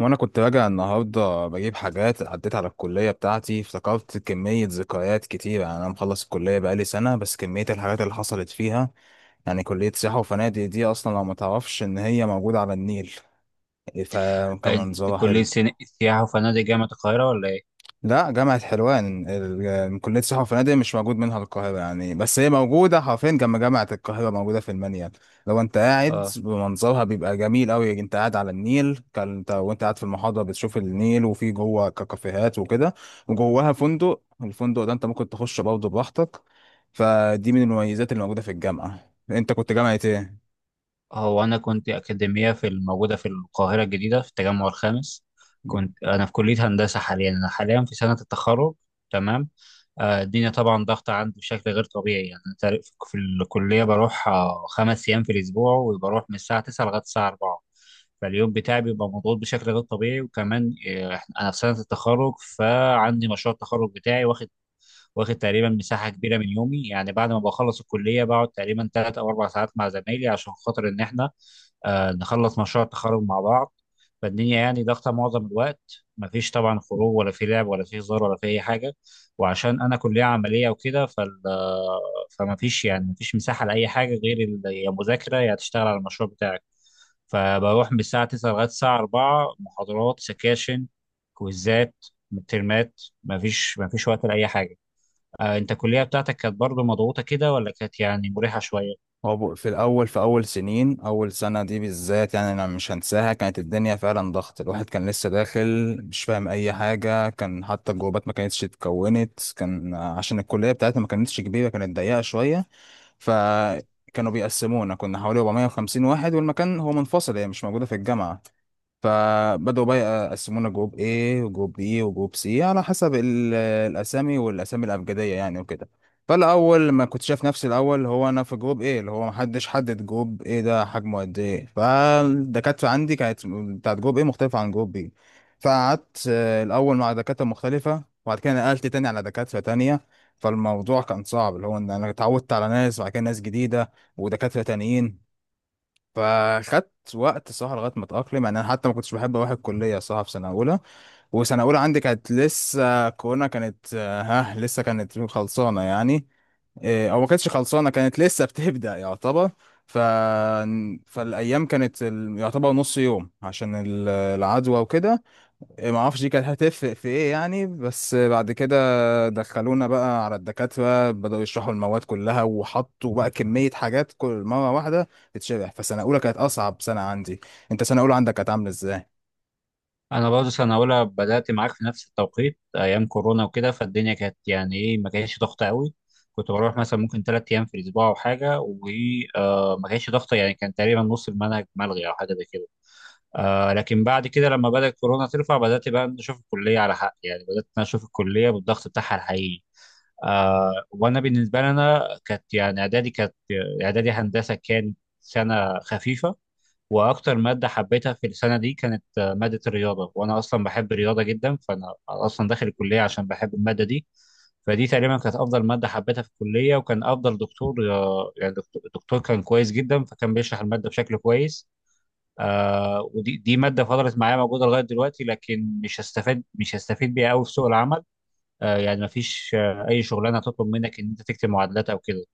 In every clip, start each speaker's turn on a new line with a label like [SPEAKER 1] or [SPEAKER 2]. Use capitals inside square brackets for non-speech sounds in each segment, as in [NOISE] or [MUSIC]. [SPEAKER 1] وانا كنت راجع النهارده بجيب حاجات، عديت على الكليه بتاعتي افتكرت كميه ذكريات كتيره. انا مخلص الكليه بقالي سنه، بس كميه الحاجات اللي حصلت فيها. كليه سياحه وفنادق دي اصلا لو ما تعرفش ان هي موجوده على النيل، فكان
[SPEAKER 2] انت
[SPEAKER 1] منظرها
[SPEAKER 2] كلية
[SPEAKER 1] حلو.
[SPEAKER 2] سياحة وفنادق جامعة القاهرة ولا ايه؟
[SPEAKER 1] لا، جامعة حلوان. كلية سياحة وفنادق مش موجود منها القاهرة، بس هي موجودة حرفيا جنب جامعة القاهرة، موجودة في المنيل. لو انت قاعد
[SPEAKER 2] اه،
[SPEAKER 1] بمنظرها بيبقى جميل قوي، انت قاعد على النيل، كان انت وانت قاعد في المحاضرة بتشوف النيل، وفي جوه كافيهات وكده. وجواها فندق، الفندق ده انت ممكن تخش برضه براحتك. فدي من المميزات اللي موجودة في الجامعة. انت كنت جامعة ايه؟
[SPEAKER 2] هو انا كنت اكاديمية في الموجودة في القاهرة الجديدة في التجمع الخامس. كنت انا في كلية هندسة. حاليا انا حاليا في سنة التخرج. تمام. الدنيا طبعا ضغطة عندي بشكل غير طبيعي. يعني أنا تعرف في الكلية بروح 5 أيام في الأسبوع، وبروح من الساعة 9 لغاية الساعة 4. فاليوم بتاعي بيبقى مضغوط بشكل غير طبيعي، وكمان أنا في سنة التخرج فعندي مشروع التخرج بتاعي واخد، واخد تقريبا مساحه كبيره من يومي. يعني بعد ما بخلص الكليه بقعد تقريبا 3 او 4 ساعات مع زمايلي عشان خاطر ان احنا نخلص مشروع التخرج مع بعض. فالدنيا يعني ضاغطه معظم الوقت، مفيش طبعا خروج ولا في لعب ولا في هزار ولا في اي حاجه. وعشان انا كليه عمليه وكده فال آه، فمفيش يعني مفيش مساحه لاي حاجه غير يا مذاكره يا تشتغل على المشروع بتاعك. فبروح من الساعه 9 لغايه الساعه 4، محاضرات، سكاشن، كويزات، مترمات، مفيش وقت لاي حاجه. انت الكليه بتاعتك كانت برضو مضغوطه كده ولا كانت يعني مريحه شويه؟
[SPEAKER 1] هو في الأول، في أول سنين، أول سنة دي بالذات أنا مش هنساها. كانت الدنيا فعلا ضغط، الواحد كان لسه داخل مش فاهم أي حاجة. كان حتى الجروبات ما كانتش اتكونت، كان عشان الكلية بتاعتنا ما كانتش كبيرة، كانت ضيقة شوية. فكانوا بيقسمونا، كنا حوالي 450 واحد، والمكان هو منفصل، هي مش موجودة في الجامعة. فبدأوا بقى يقسمونا جروب A وجروب B وجروب C، على حسب الأسامي، والأسامي الأبجدية وكده. فالأول ما كنت شايف نفسي، الأول هو أنا في جروب A، اللي هو محدش حدد جروب A ده حجمه قد إيه. فالدكاترة عندي كانت بتاعت جروب A مختلفة عن جروب B. فقعدت الأول مع دكاترة مختلفة، وبعد كده نقلت تاني على دكاترة تانية. فالموضوع كان صعب، اللي هو إن أنا اتعودت على ناس وبعد كده ناس جديدة ودكاترة تانيين. فخدت وقت صراحة لغاية ما اتأقلم، أنا حتى ما كنتش بحب أروح الكلية صراحة في سنة أولى. وسنة أولى عندي كانت لسه كورونا، كانت آه، ها لسه كانت خلصانة، إيه، أو ما كانتش خلصانة، كانت لسه [LAUGHS] بتبدأ يعتبر. ف... فالأيام كانت يعتبر نص يوم عشان العدوى وكده. إيه، ما اعرفش دي كانت هتفرق في ايه بس بعد كده دخلونا بقى على الدكاترة، بدأوا يشرحوا المواد كلها، وحطوا بقى كمية حاجات كل مرة واحدة تتشرح. فسنة أولى كانت أصعب سنة عندي. أنت سنة أولى عندك كانت عاملة إزاي؟
[SPEAKER 2] انا برضو سنه اولى بدات معاك في نفس التوقيت ايام كورونا وكده، فالدنيا كانت يعني ايه، ما كانتش ضغطه قوي. كنت بروح مثلا ممكن 3 ايام في الاسبوع او حاجه، وما كانتش ضغطه. يعني كان تقريبا نص المنهج ملغي او حاجه زي كده. آه، لكن بعد كده لما بدات كورونا ترفع بدات بقى نشوف الكليه على حق. يعني بدات إن أنا اشوف الكليه بالضغط بتاعها الحقيقي. آه، وانا بالنسبه لي انا كانت يعني اعدادي هندسه كانت سنه خفيفه. واكتر ماده حبيتها في السنه دي كانت ماده الرياضه، وانا اصلا بحب الرياضه جدا، فانا اصلا داخل الكليه عشان بحب الماده دي. فدي تقريبا كانت افضل ماده حبيتها في الكليه، وكان افضل دكتور الدكتور كان كويس جدا، فكان بيشرح الماده بشكل كويس. آه، ودي ماده فضلت معايا موجوده لغايه دلوقتي، لكن مش هستفيد بيها قوي في سوق العمل. آه، يعني ما فيش آه اي شغلانه تطلب منك ان انت تكتب معادلات او كده،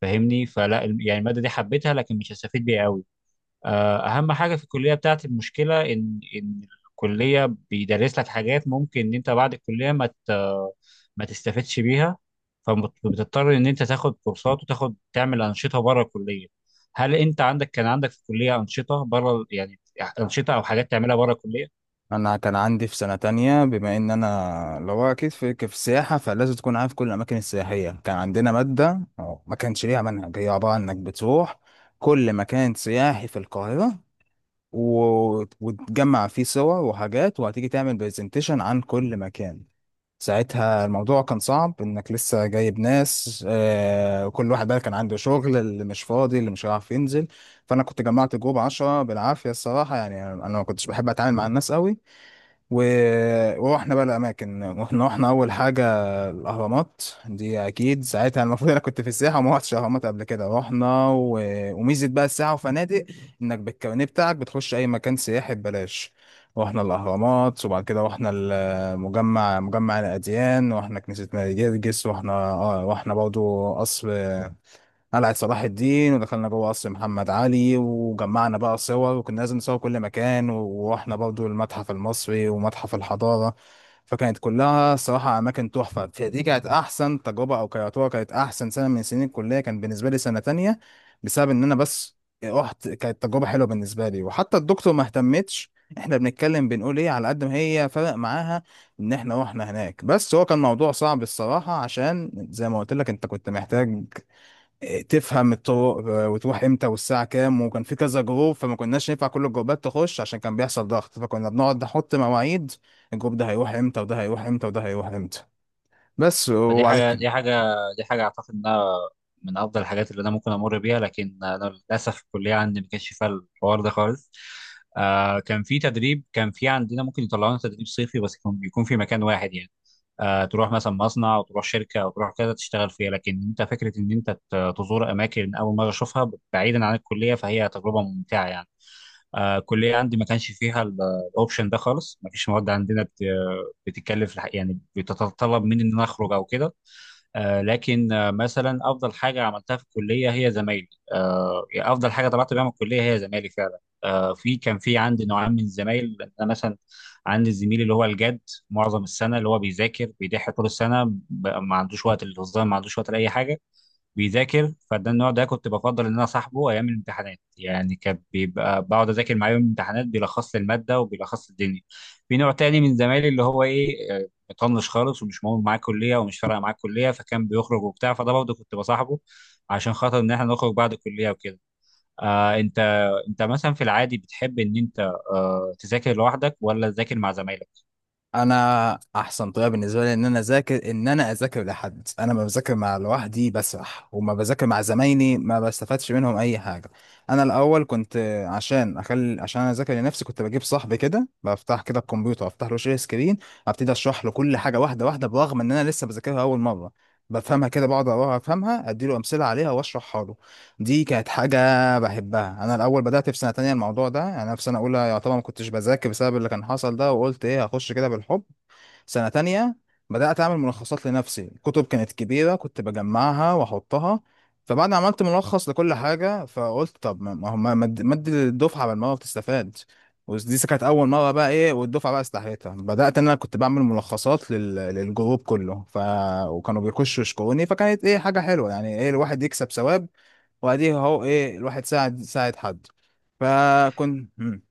[SPEAKER 2] فاهمني؟ فلا يعني الماده دي حبيتها لكن مش هستفيد بيها قوي. آه، اهم حاجه في الكليه بتاعتي المشكله ان الكليه بيدرس لك حاجات ممكن ان انت بعد الكليه ما تستفدش بيها. فبتضطر ان انت تاخد كورسات وتاخد تعمل انشطه بره الكليه. هل انت عندك كان عندك في الكليه انشطه بره؟ يعني انشطه او حاجات تعملها بره الكليه.
[SPEAKER 1] أنا كان عندي في سنة تانية، بما إن أنا اللي هو أكيد في السياحة فلازم تكون عارف كل الأماكن السياحية، كان عندنا مادة أو ما كانش ليها منهج، هي عبارة عن إنك بتروح كل مكان سياحي في القاهرة وتجمع فيه صور وحاجات، وهتيجي تعمل برزنتيشن عن كل مكان. ساعتها الموضوع كان صعب، انك لسه جايب ناس، آه، كل واحد بقى كان عنده شغل، اللي مش فاضي، اللي مش هيعرف ينزل. فانا كنت جمعت جروب عشرة بالعافية الصراحة، انا ما كنتش بحب اتعامل مع الناس قوي. ورحنا بقى الأماكن، رحنا أول حاجة الأهرامات، دي أكيد ساعتها المفروض أنا كنت في السياحة وما رحتش الأهرامات قبل كده. رحنا وميزة بقى السياحة وفنادق، إنك بالكارنيه بتاعك بتخش أي مكان سياحي ببلاش. رحنا الأهرامات، وبعد كده رحنا المجمع، مجمع الأديان، رحنا كنيسة ماري جرجس، رحنا رحنا برضو قصر، قلعة صلاح الدين، ودخلنا جوه قصر محمد علي، وجمعنا بقى صور، وكنا لازم نصور كل مكان. ورحنا برضو المتحف المصري ومتحف الحضارة. فكانت كلها صراحة أماكن تحفة. فدي كانت أحسن تجربة، أو كرياتورة، كانت أحسن سنة من سنين الكلية، كان بالنسبة لي سنة تانية، بسبب إن أنا بس رحت. كانت تجربة حلوة بالنسبة لي، وحتى الدكتور ما اهتمتش إحنا بنتكلم بنقول إيه، على قد ما هي فرق معاها إن إحنا رحنا هناك. بس هو كان موضوع صعب الصراحة، عشان زي ما قلت لك أنت كنت محتاج تفهم الطرق، وتروح امتى، والساعه كام، وكان في كذا جروب، فما كناش ينفع كل الجروبات تخش عشان كان بيحصل ضغط. فكنا بنقعد نحط مواعيد، الجروب ده هيروح امتى، وده هيروح امتى، وده هيروح امتى. بس
[SPEAKER 2] فدي
[SPEAKER 1] وبعد
[SPEAKER 2] حاجة
[SPEAKER 1] كده،
[SPEAKER 2] دي حاجة دي حاجة أعتقد إنها من أفضل الحاجات اللي أنا ممكن أمر بيها. لكن أنا للأسف الكلية عندي ما كانش فيها الحوار ده خالص. آه، كان في تدريب، كان في عندنا ممكن يطلعونا تدريب صيفي، بس يكون يكون في مكان واحد. يعني آه، تروح مثلا مصنع أو تروح شركة أو تروح كذا تشتغل فيها، لكن أنت فكرة إن أنت تزور أماكن أول مرة أشوفها بعيدا عن الكلية، فهي تجربة ممتعة يعني. آه، الكلية عندي ما كانش فيها الأوبشن ده خالص. ما فيش مواد عندنا بتتكلف يعني بتتطلب مني إن أنا أخرج أو كده. آه، لكن آه، مثلا افضل حاجه عملتها في الكليه هي زمايلي. آه، يعني افضل حاجه طلعت بيها من الكليه هي زمايلي فعلا. آه، كان في عندي نوعين من الزمايل. انا مثلا عندي الزميل اللي هو الجد، معظم السنه اللي هو بيذاكر، بيضحي طول السنه، ما عندوش وقت للهزار، ما عندوش وقت لاي حاجه، بيذاكر. فده النوع ده كنت بفضل ان انا صاحبه ايام الامتحانات. يعني كان بيبقى بقعد اذاكر معاه يوم الامتحانات، بيلخص لي الماده وبيلخص لي الدنيا. في نوع تاني من زمايلي اللي هو ايه، مطنش خالص ومش مهم معاه كليه ومش فارقه معاه كليه، فكان بيخرج وبتاع. فده برضه كنت بصاحبه عشان خاطر ان احنا نخرج بعد الكليه وكده. آه، انت مثلا في العادي بتحب ان انت تذاكر لوحدك ولا تذاكر مع زمايلك؟
[SPEAKER 1] انا احسن طريقه بالنسبه لي ان انا اذاكر، ان انا اذاكر لحد. انا ما بذاكر لوحدي بسرح، وما بذاكر مع زمايلي، ما بستفادش منهم اي حاجه. انا الاول كنت، عشان اخلي، عشان انا اذاكر لنفسي، كنت بجيب صاحبي كده، بفتح كده الكمبيوتر، افتح له شير سكرين، ابتدي اشرح له كل حاجه واحده واحده، برغم ان انا لسه بذاكرها اول مره، بفهمها كده، بقعد اقراها، افهمها، اديله امثله عليها، واشرحها له. دي كانت حاجة بحبها. أنا الأول بدأت في سنة تانية الموضوع ده، أنا في سنة أولى يعتبر ما كنتش بذاكر بسبب اللي كان حصل ده، وقلت إيه هخش كده بالحب. سنة تانية بدأت أعمل ملخصات لنفسي، الكتب كانت كبيرة، كنت بجمعها وأحطها. فبعد ما عملت ملخص لكل حاجة، فقلت طب، ما ما هو ما ما ادي ما ادي للدفعة بالمرة، بتستفاد. ودي كانت أول مرة بقى، إيه، والدفعة بقى استحيتها، بدأت إن أنا كنت بعمل ملخصات للجروب كله. وكانوا بيخشوا يشكروني، فكانت إيه، حاجة حلوة، إيه، الواحد يكسب ثواب، واديه اهو، ايه، الواحد ساعد، ساعد حد. فكنت مم.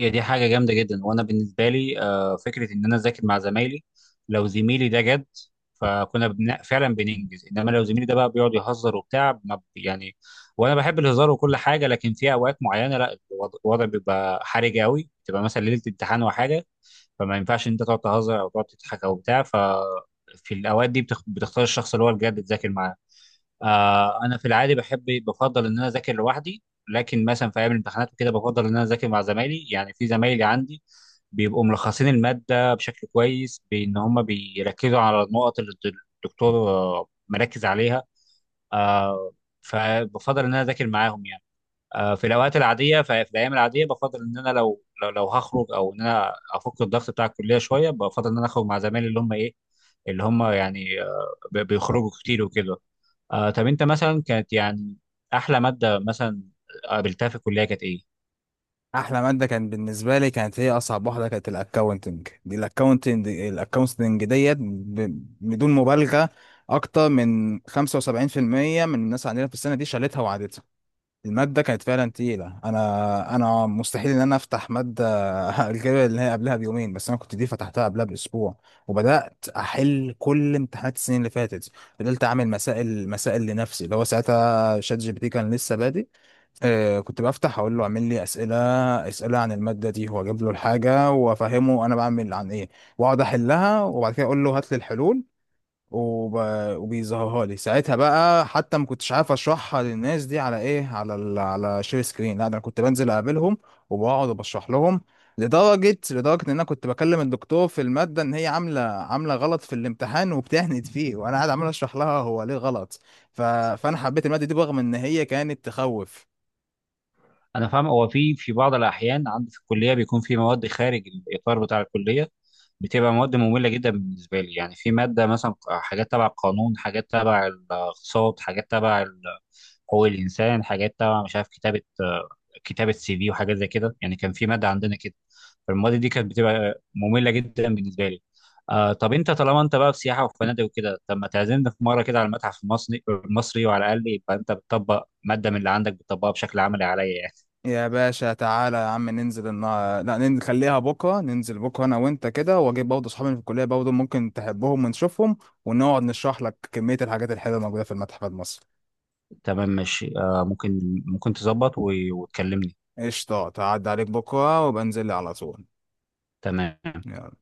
[SPEAKER 2] هي دي حاجة جامدة جدا. وأنا بالنسبة لي فكرة إن أنا أذاكر مع زمايلي، لو زميلي ده جد فكنا فعلا بننجز. إنما لو زميلي ده بقى بيقعد يهزر وبتاع ما ب- يعني وأنا بحب الهزار وكل حاجة، لكن في أوقات معينة لا، الوضع بيبقى حرج قوي، بتبقى مثلا ليلة امتحان وحاجة، فما ينفعش إن أنت تقعد تهزر أو تقعد تضحك أو بتاع. ف في الأوقات دي بتختار الشخص اللي هو الجد تذاكر معاه. آه، انا في العادي بحب بفضل ان انا اذاكر لوحدي، لكن مثلا في ايام الامتحانات وكده بفضل ان انا اذاكر مع زمايلي. يعني في زمايلي عندي بيبقوا ملخصين الماده بشكل كويس، بان هم بيركزوا على النقط اللي الدكتور مركز عليها. آه، فبفضل ان انا اذاكر معاهم يعني. آه، في الاوقات العاديه في الايام العاديه بفضل ان انا لو لو هخرج او ان انا افك الضغط بتاع الكليه شويه، بفضل ان انا اخرج مع زمايلي اللي هم ايه، اللي هم يعني بيخرجوا كتير وكده. آه، طب انت مثلا كانت يعني احلى ماده مثلا قابلتها في الكليه كانت ايه؟
[SPEAKER 1] احلى ماده كان بالنسبه لي، كانت هي اصعب واحده، كانت الاكاونتنج، دي الاكاونتنج، الاكاونتنج ديت، بدون مبالغه اكتر من 75% من الناس عندنا في السنه دي شالتها وعادتها. المادة كانت فعلا تقيلة. أنا مستحيل إن أنا أفتح مادة [LAUGHS] الجاية اللي هي قبلها بيومين، بس أنا كنت دي فتحتها قبلها بأسبوع، وبدأت أحل كل امتحانات السنين اللي فاتت. فضلت أعمل مسائل مسائل لنفسي، اللي هو ساعتها شات جي بي تي كان لسه بادئ. آه، كنت بفتح أقول له أعمل لي أسئلة، أسئلة عن المادة دي، وأجيب له الحاجة، وأفهمه أنا بعمل عن إيه، وأقعد أحلها، وبعد كده أقول له هات لي الحلول، وب... وبيظهرها لي ساعتها بقى. حتى ما كنتش عارف اشرحها للناس دي على ايه، على على شير سكرين، لا ده انا كنت بنزل اقابلهم وبقعد وبشرح لهم. لدرجة ان انا كنت بكلم الدكتور في المادة ان هي عاملة غلط في الامتحان، وبتهند فيه، وانا قاعد عمال اشرح لها هو ليه غلط. فانا حبيت المادة دي رغم ان هي كانت تخوف.
[SPEAKER 2] انا فاهم. هو في في بعض الاحيان عندي في الكليه بيكون في مواد خارج الاطار بتاع الكليه، بتبقى مواد ممله جدا بالنسبه لي. يعني في ماده مثلا حاجات تبع القانون، حاجات تبع الاقتصاد، حاجات تبع حقوق الانسان، حاجات تبع مش عارف كتابه، كتابه سي في وحاجات زي كده. يعني كان في ماده عندنا كده، فالمواد دي كانت بتبقى ممله جدا بالنسبه لي. آه، طب انت طالما انت بقى في سياحه وفنادق وكده، طب ما تعزمنا في مره كده على المتحف المصري، وعلى الاقل يبقى انت بتطبق ماده من اللي عندك بتطبقها بشكل عملي عليا يعني.
[SPEAKER 1] يا باشا تعالى يا عم ننزل لا نخليها بكره، ننزل بكره انا وانت كده، واجيب برضه اصحابي اللي في الكليه، برضه ممكن تحبهم ونشوفهم، ونقعد نشرح لك كميه الحاجات الحلوه الموجوده في المتحف المصري.
[SPEAKER 2] تمام، ماشي. آه، ممكن ممكن تظبط وتكلمني.
[SPEAKER 1] قشطه تعدي عليك بكره، وبنزل لي على طول.
[SPEAKER 2] تمام.
[SPEAKER 1] يلا.